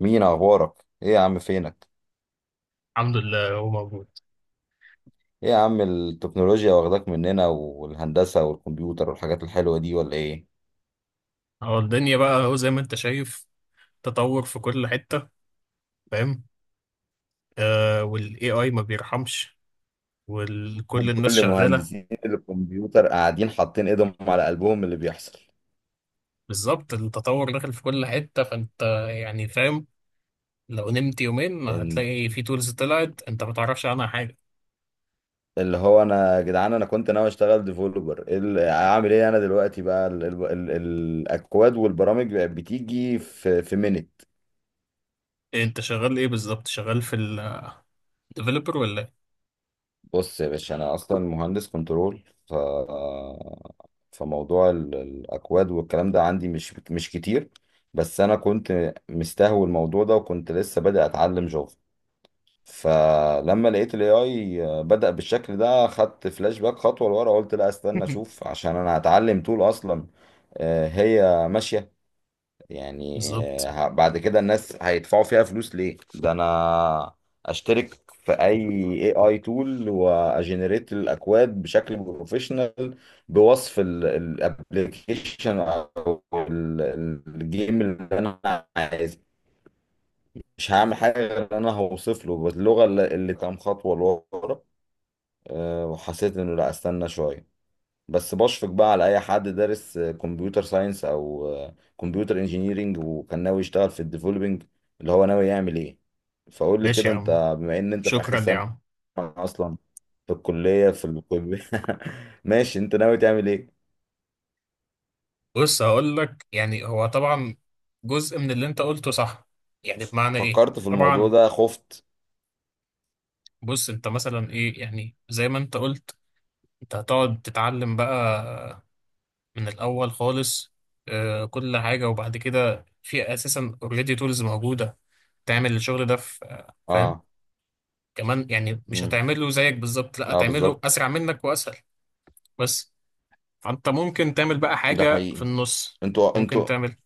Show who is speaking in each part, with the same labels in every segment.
Speaker 1: مين اخبارك، ايه يا عم فينك؟
Speaker 2: الحمد لله هو موجود.
Speaker 1: ايه يا عم، التكنولوجيا واخداك مننا، والهندسة والكمبيوتر والحاجات الحلوة دي، ولا ايه؟
Speaker 2: الدنيا بقى هو زي ما انت شايف، تطور في كل حتة. فاهم؟ آه، والاي اي ما بيرحمش وكل الناس
Speaker 1: كل
Speaker 2: شغالة.
Speaker 1: مهندسين الكمبيوتر قاعدين حاطين ايدهم على قلبهم من اللي بيحصل.
Speaker 2: بالظبط، التطور داخل في كل حتة، فانت يعني فاهم. لو نمت يومين
Speaker 1: إن
Speaker 2: هتلاقي في تولز طلعت انت ما تعرفش عنها حاجة.
Speaker 1: اللي هو يا جدعان، انا كنت ناوي اشتغل ديفلوبر، اعمل ايه؟ انا دلوقتي بقى ال ال ال الاكواد والبرامج بقت بتيجي في minute.
Speaker 2: انت شغال ايه بالظبط؟ شغال في الديفلوبر ولا ايه؟
Speaker 1: بص يا باشا، انا اصلا مهندس كنترول، فموضوع الاكواد والكلام ده عندي مش كتير. بس انا كنت مستهوي الموضوع ده، وكنت لسه بادئ اتعلم جافا. فلما لقيت الاي اي بدأ بالشكل ده، خدت فلاش باك خطوه لورا، قلت لا، استنى اشوف، عشان انا هتعلم طول اصلا. هي ماشيه يعني.
Speaker 2: بالظبط.
Speaker 1: بعد كده الناس هيدفعوا فيها فلوس ليه؟ ده انا اشترك في اي اي تول واجنريت الاكواد بشكل بروفيشنال، بوصف الابلكيشن او الجيم اللي انا عايزه. مش هعمل حاجه غير ان انا هوصف له باللغه اللي كام خطوه لورا. وحسيت انه لا، استنى شويه. بس بشفق بقى على اي حد دارس كمبيوتر ساينس او كمبيوتر انجينيرينج وكان ناوي يشتغل في الديفلوبينج. اللي هو ناوي يعمل ايه؟ فقول لي
Speaker 2: ماشي
Speaker 1: كده
Speaker 2: يا عم.
Speaker 1: انت، بما ان انت في اخر
Speaker 2: شكرا يا
Speaker 1: سنة
Speaker 2: عم.
Speaker 1: اصلا في الكلية. ماشي، انت ناوي تعمل ايه؟
Speaker 2: بص هقول لك، يعني هو طبعا جزء من اللي انت قلته صح، يعني بمعنى ايه
Speaker 1: فكرت في الموضوع
Speaker 2: طبعا.
Speaker 1: ده، خفت.
Speaker 2: بص انت مثلا ايه، يعني زي ما انت قلت، انت هتقعد تتعلم بقى من الاول خالص، آه، كل حاجه. وبعد كده في اساسا اوريدي تولز موجوده تعمل الشغل ده، في فاهم،
Speaker 1: اه.
Speaker 2: كمان، يعني مش
Speaker 1: امم.
Speaker 2: هتعمله زيك بالظبط، لا
Speaker 1: اه،
Speaker 2: هتعمله
Speaker 1: بالظبط.
Speaker 2: اسرع منك واسهل. بس فانت ممكن تعمل بقى
Speaker 1: ده
Speaker 2: حاجه في
Speaker 1: حقيقي.
Speaker 2: النص.
Speaker 1: انتوا
Speaker 2: ممكن
Speaker 1: انتوا
Speaker 2: تعمل،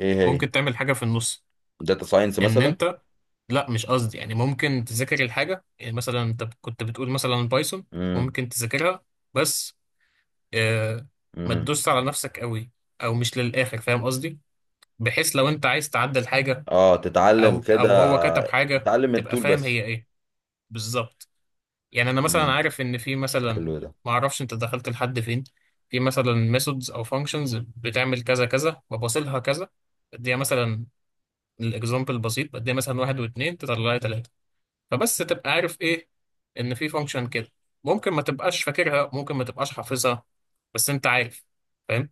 Speaker 1: ايه؟ هي
Speaker 2: ممكن تعمل حاجه في النص.
Speaker 1: داتا ساينس
Speaker 2: ان
Speaker 1: مثلا؟
Speaker 2: انت لا مش قصدي، يعني ممكن تذاكر الحاجه، يعني مثلا انت كنت بتقول مثلا بايثون،
Speaker 1: امم.
Speaker 2: ممكن تذاكرها، بس آه، ما
Speaker 1: امم.
Speaker 2: تدوس على نفسك قوي او مش للاخر، فاهم قصدي؟ بحيث لو انت عايز تعدل حاجه
Speaker 1: اه، تتعلم
Speaker 2: او
Speaker 1: كده،
Speaker 2: او هو كتب حاجه
Speaker 1: تتعلم
Speaker 2: تبقى
Speaker 1: التول
Speaker 2: فاهم
Speaker 1: بس.
Speaker 2: هي ايه. بالظبط. يعني انا مثلا
Speaker 1: امم.
Speaker 2: عارف ان في مثلا،
Speaker 1: حلو ده.
Speaker 2: ما اعرفش انت دخلت لحد فين، في مثلا ميثودز او فانكشنز بتعمل كذا كذا وبوصلها كذا، بديها مثلا، الاكزامبل بسيط، بديها مثلا واحد واتنين تطلع لي تلاته. فبس تبقى عارف ايه، ان في فانكشن كده، ممكن ما تبقاش فاكرها، ممكن ما تبقاش حافظها، بس انت عارف، فاهم؟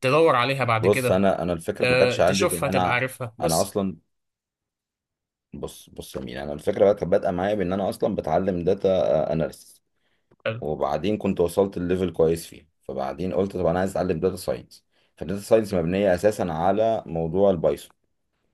Speaker 2: تدور عليها بعد
Speaker 1: بص،
Speaker 2: كده،
Speaker 1: انا الفكره ما
Speaker 2: أه
Speaker 1: كانتش عندي في ان
Speaker 2: تشوفها تبقى
Speaker 1: انا
Speaker 2: عارفها
Speaker 1: انا
Speaker 2: بس.
Speaker 1: اصلا. بص بص يا مين، انا الفكره بقى كانت بادئه معايا بان انا اصلا بتعلم داتا اناليسيس.
Speaker 2: حلو.
Speaker 1: وبعدين كنت وصلت لليفل كويس فيه، فبعدين قلت طب انا عايز اتعلم داتا ساينس. فالداتا ساينس مبنيه اساسا على موضوع البايثون.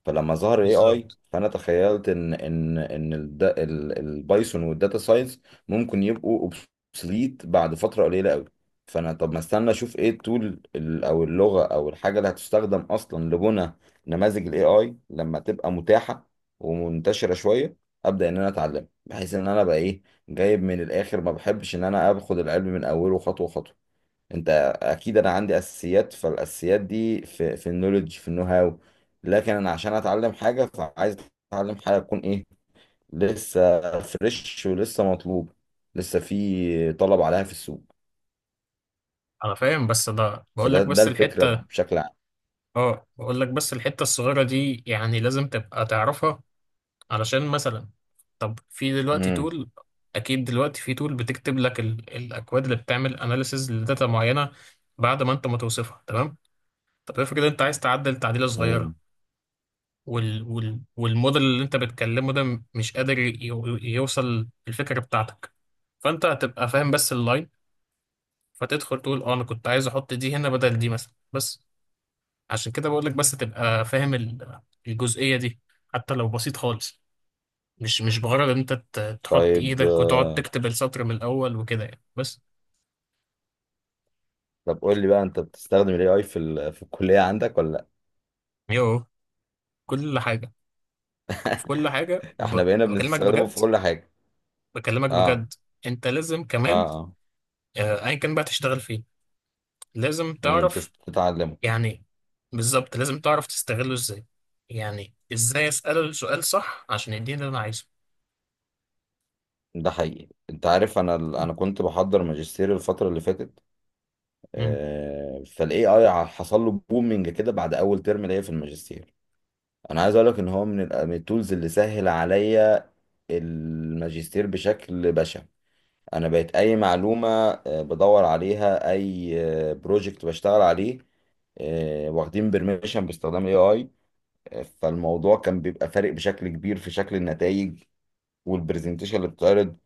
Speaker 1: فلما ظهر الاي اي،
Speaker 2: بالظبط.
Speaker 1: فانا تخيلت ان البايثون والداتا ساينس ممكن يبقوا اوبسليت بعد فتره قليله قوي. فانا طب ما استنى اشوف ايه التول، او اللغه او الحاجه اللي هتستخدم اصلا لبنى نماذج الاي اي لما تبقى متاحه ومنتشره شويه، ابدا ان انا اتعلم، بحيث ان انا بقى ايه، جايب من الاخر. ما بحبش ان انا اخد العلم من اوله خطوه خطوه. انت اكيد انا عندي اساسيات، فالاساسيات دي في النولج، في النو هاو. لكن انا عشان اتعلم حاجه، فعايز اتعلم حاجه تكون ايه، لسه فريش ولسه مطلوب، لسه في طلب عليها في السوق.
Speaker 2: انا فاهم، بس ده بقول
Speaker 1: فده
Speaker 2: لك
Speaker 1: ده
Speaker 2: بس
Speaker 1: الفكره
Speaker 2: الحته،
Speaker 1: بشكل عام.
Speaker 2: اه بقول لك بس الحته الصغيره دي يعني لازم تبقى تعرفها، علشان مثلا، طب في دلوقتي
Speaker 1: امم.
Speaker 2: تول، اكيد دلوقتي في تول بتكتب لك ال... الاكواد اللي بتعمل اناليسز لداتا معينه بعد ما انت ما توصفها تمام. طب افرض انت عايز تعدل تعديله
Speaker 1: امم.
Speaker 2: صغيره، وال والموديل اللي انت بتكلمه ده مش قادر يوصل الفكرة بتاعتك، فانت هتبقى فاهم بس اللاين، فتدخل تقول اه انا كنت عايز احط دي هنا بدل دي مثلا. بس عشان كده بقول لك بس تبقى فاهم الجزئية دي، حتى لو بسيط خالص. مش بغرض ان انت تحط
Speaker 1: طيب.
Speaker 2: ايدك وتقعد تكتب السطر من الاول وكده، يعني بس.
Speaker 1: طب قول لي بقى، انت بتستخدم الاي اي في الكليه عندك، ولا؟
Speaker 2: يو، كل حاجة، في كل حاجة،
Speaker 1: لا، احنا بقينا
Speaker 2: بكلمك
Speaker 1: بنستخدمه
Speaker 2: بجد.
Speaker 1: في كل حاجه.
Speaker 2: بكلمك
Speaker 1: اه.
Speaker 2: بجد، انت لازم
Speaker 1: اه.
Speaker 2: كمان،
Speaker 1: اه.
Speaker 2: ايا كان بقى تشتغل فيه، لازم
Speaker 1: امم.
Speaker 2: تعرف،
Speaker 1: تتعلمه.
Speaker 2: يعني بالظبط لازم تعرف تستغله ازاي، يعني ازاي اساله السؤال صح عشان يديني اللي انا عايزه.
Speaker 1: ده حقيقي. انت عارف، انا كنت بحضر ماجستير الفتره اللي فاتت.
Speaker 2: مم.
Speaker 1: فالاي اي حصل له بومنج كده بعد اول ترم ليا في الماجستير. انا عايز اقول لك ان هو من من التولز اللي سهل عليا الماجستير بشكل بشع. انا بقيت اي معلومه بدور عليها، اي بروجكت بشتغل عليه واخدين بيرميشن باستخدام الاي اي. فالموضوع كان بيبقى فارق بشكل كبير في شكل النتائج والبرزنتيشن اللي بتتعرض،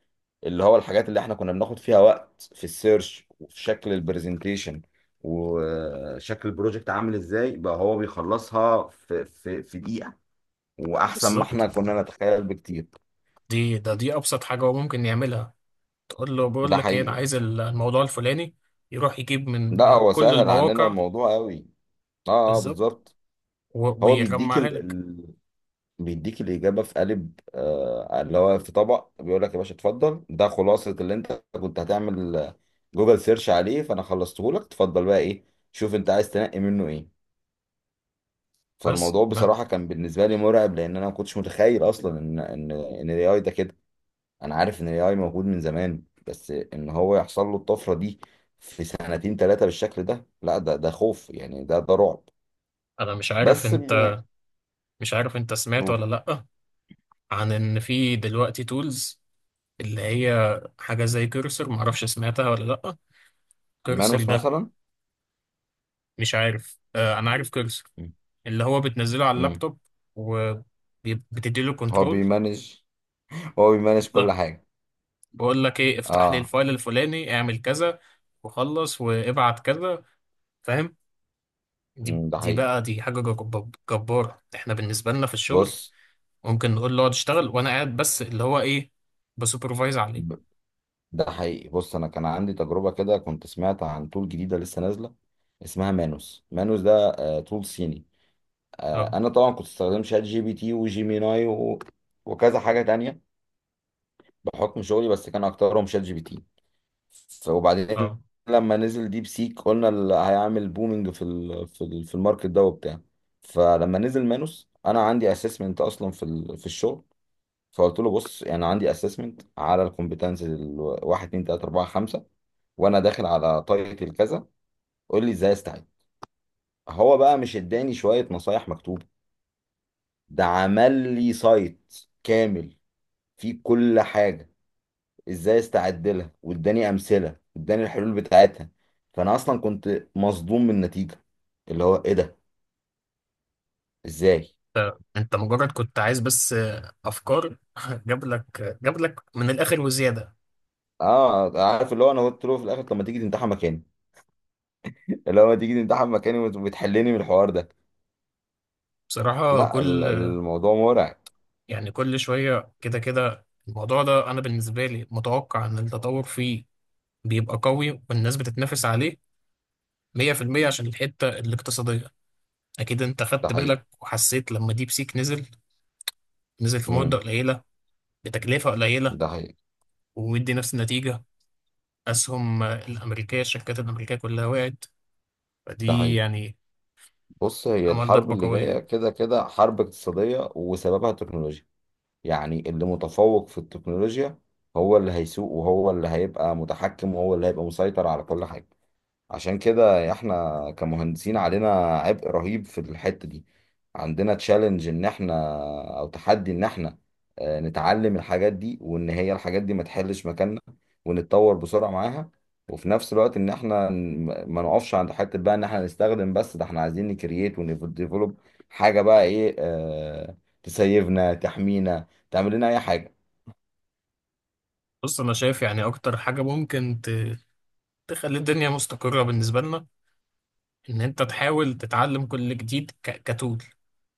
Speaker 1: اللي هو الحاجات اللي احنا كنا بناخد فيها وقت في السيرش، وفي شكل البرزنتيشن وشكل البروجكت عامل ازاي، بقى هو بيخلصها في دقيقة، واحسن ما احنا
Speaker 2: بالظبط،
Speaker 1: كنا نتخيل بكتير.
Speaker 2: دي ابسط حاجه هو ممكن يعملها، تقول له بقول
Speaker 1: ده
Speaker 2: لك ايه انا
Speaker 1: حقيقي.
Speaker 2: عايز الموضوع الفلاني، يروح يجيب من
Speaker 1: لا هو
Speaker 2: كل
Speaker 1: سهل عننا
Speaker 2: المواقع.
Speaker 1: الموضوع قوي. اه. اه،
Speaker 2: بالظبط،
Speaker 1: بالظبط. هو بيديك
Speaker 2: ويجمعها لك.
Speaker 1: بيديك الإجابة في قالب، اللي هو في طبق، بيقول لك يا باشا اتفضل، ده خلاصة اللي انت كنت هتعمل جوجل سيرش عليه، فانا خلصته لك. اتفضل بقى ايه، شوف انت عايز تنقي منه ايه.
Speaker 2: بس
Speaker 1: فالموضوع
Speaker 2: ما
Speaker 1: بصراحة كان بالنسبة لي مرعب، لأن أنا ما كنتش متخيل أصلا إن ال AI ده كده. أنا عارف إن ال AI موجود من زمان، بس إن هو يحصل له الطفرة دي في سنتين ثلاثة بالشكل ده، لا، ده خوف، يعني ده رعب.
Speaker 2: انا مش عارف
Speaker 1: بس
Speaker 2: انت،
Speaker 1: يعني.
Speaker 2: مش عارف انت سمعت ولا لا، عن ان في دلوقتي تولز اللي هي حاجه زي كيرسر، معرفش سمعتها ولا لا. كيرسر
Speaker 1: مانوس
Speaker 2: ده،
Speaker 1: مثلا.
Speaker 2: مش عارف، آه انا عارف كيرسر،
Speaker 1: مم.
Speaker 2: اللي هو بتنزله على
Speaker 1: مم.
Speaker 2: اللابتوب وبتديله
Speaker 1: هو
Speaker 2: كنترول.
Speaker 1: بيمانج هو بيمانج كل
Speaker 2: ده
Speaker 1: حاجة.
Speaker 2: بقول لك ايه افتح لي
Speaker 1: اه.
Speaker 2: الفايل الفلاني، اعمل كذا وخلص وابعت كذا، فاهم؟ دي
Speaker 1: مم، ده
Speaker 2: دي
Speaker 1: حقيقي.
Speaker 2: بقى دي حاجة جبارة. احنا بالنسبة لنا في الشغل
Speaker 1: بص.
Speaker 2: ممكن نقول له اقعد اشتغل وانا قاعد بس اللي هو ايه، بسوبرفايز عليه.
Speaker 1: ب- ده حقيقي. بص، أنا كان عندي تجربة كده، كنت سمعت عن طول جديدة لسه نازلة اسمها مانوس. مانوس ده طول صيني.
Speaker 2: اه
Speaker 1: انا طبعا كنت استخدم شات جي بي تي وجيميناي وكذا حاجه تانية بحكم شغلي، بس كان اكترهم شات جي بي تي. وبعدين
Speaker 2: اه
Speaker 1: لما نزل ديب سيك، قلنا اللي هيعمل بومينج في الماركت ده وبتاع. فلما نزل مانوس، انا عندي اسسمنت اصلا في الشغل. فقلت له بص، يعني عندي اسسمنت على الكومبتنسز ال 1 2 3 4 5، وانا داخل على تايتل كذا، قول لي ازاي استعد. هو بقى مش اداني شويه نصايح مكتوبه، ده عمل لي سايت كامل فيه كل حاجة ازاي استعد لها، واداني امثلة واداني الحلول بتاعتها. فانا اصلا كنت مصدوم من النتيجة، اللي هو ايه ده، ازاي؟
Speaker 2: ف- انت مجرد كنت عايز بس افكار جاب لك، جاب لك من الاخر وزيادة.
Speaker 1: اه، عارف، اللي هو انا قلت له في الاخر طب ما تيجي تمتحن مكاني، اللي هو ما تيجي تمتحن مكاني وتحلني من الحوار ده.
Speaker 2: بصراحة
Speaker 1: لا،
Speaker 2: كل،
Speaker 1: الموضوع مرعب.
Speaker 2: يعني كل شوية كده كده الموضوع ده أنا بالنسبة لي متوقع إن التطور فيه بيبقى قوي والناس بتتنافس عليه 100% عشان الحتة الاقتصادية. أكيد أنت
Speaker 1: ده
Speaker 2: خدت
Speaker 1: حقيقي.
Speaker 2: بالك وحسيت لما ديب سيك نزل، نزل في مدة
Speaker 1: امم.
Speaker 2: قليلة بتكلفة قليلة
Speaker 1: ده حقيقي.
Speaker 2: ومدي نفس النتيجة، أسهم الأمريكية، الشركات الأمريكية كلها وقعت.
Speaker 1: ده
Speaker 2: فدي
Speaker 1: حقيقي.
Speaker 2: يعني
Speaker 1: بص، هي
Speaker 2: عمل
Speaker 1: الحرب
Speaker 2: ضربة
Speaker 1: اللي جاية
Speaker 2: قوية.
Speaker 1: كده كده حرب اقتصادية وسببها تكنولوجيا. يعني اللي متفوق في التكنولوجيا هو اللي هيسوق، وهو اللي هيبقى متحكم، وهو اللي هيبقى مسيطر على كل حاجة. عشان كده احنا كمهندسين علينا عبء رهيب في الحتة دي، عندنا تشالنج ان احنا، او تحدي ان احنا نتعلم الحاجات دي، وان هي الحاجات دي ما تحلش مكاننا، ونتطور بسرعة معاها. وفي نفس الوقت ان احنا ما نقفش عند حتة بقى ان احنا نستخدم بس، ده احنا عايزين نكرييت ونديفلوب حاجة، بقى ايه، اه، تسيفنا، تحمينا، تعمل لنا اي حاجة.
Speaker 2: بص أنا شايف يعني أكتر حاجة ممكن تخلي الدنيا مستقرة بالنسبة لنا، إن أنت تحاول تتعلم كل جديد كتول،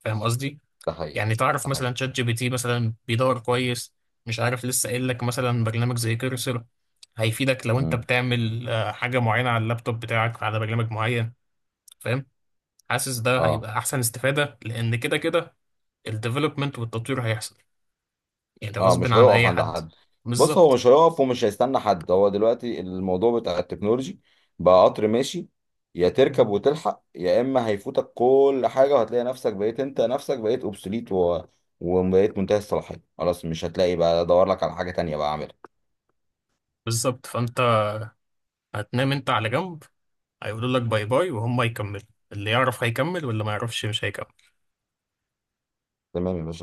Speaker 2: فاهم قصدي؟
Speaker 1: ده حقيقي.
Speaker 2: يعني تعرف
Speaker 1: ده حقيقي.
Speaker 2: مثلا شات جي بي تي مثلا بيدور كويس، مش عارف لسه قايل لك، مثلا برنامج زي كيرسر هيفيدك لو انت
Speaker 1: مم.
Speaker 2: بتعمل حاجة معينة على اللابتوب بتاعك على برنامج معين، فاهم؟ حاسس ده
Speaker 1: اه.
Speaker 2: هيبقى احسن استفادة، لان كده كده الديفلوبمنت والتطوير هيحصل يعني
Speaker 1: اه،
Speaker 2: غصب
Speaker 1: مش
Speaker 2: عن
Speaker 1: هيقف
Speaker 2: اي
Speaker 1: عند
Speaker 2: حد.
Speaker 1: حد. بص، هو
Speaker 2: بالظبط.
Speaker 1: مش هيقف ومش هيستنى حد. هو دلوقتي الموضوع بتاع التكنولوجي بقى قطر ماشي، يا تركب وتلحق، يا اما هيفوتك كل حاجه، وهتلاقي نفسك بقيت انت نفسك بقيت اوبسوليت وبقيت منتهي الصلاحيه، خلاص مش هتلاقي بقى ادور لك على حاجه تانية بقى اعملها.
Speaker 2: بالظبط، فانت هتنام انت على جنب، هيقولوا لك باي باي وهم يكملوا، اللي يعرف هيكمل واللي ما يعرفش مش هيكمل.
Speaker 1: تمام يا باشا.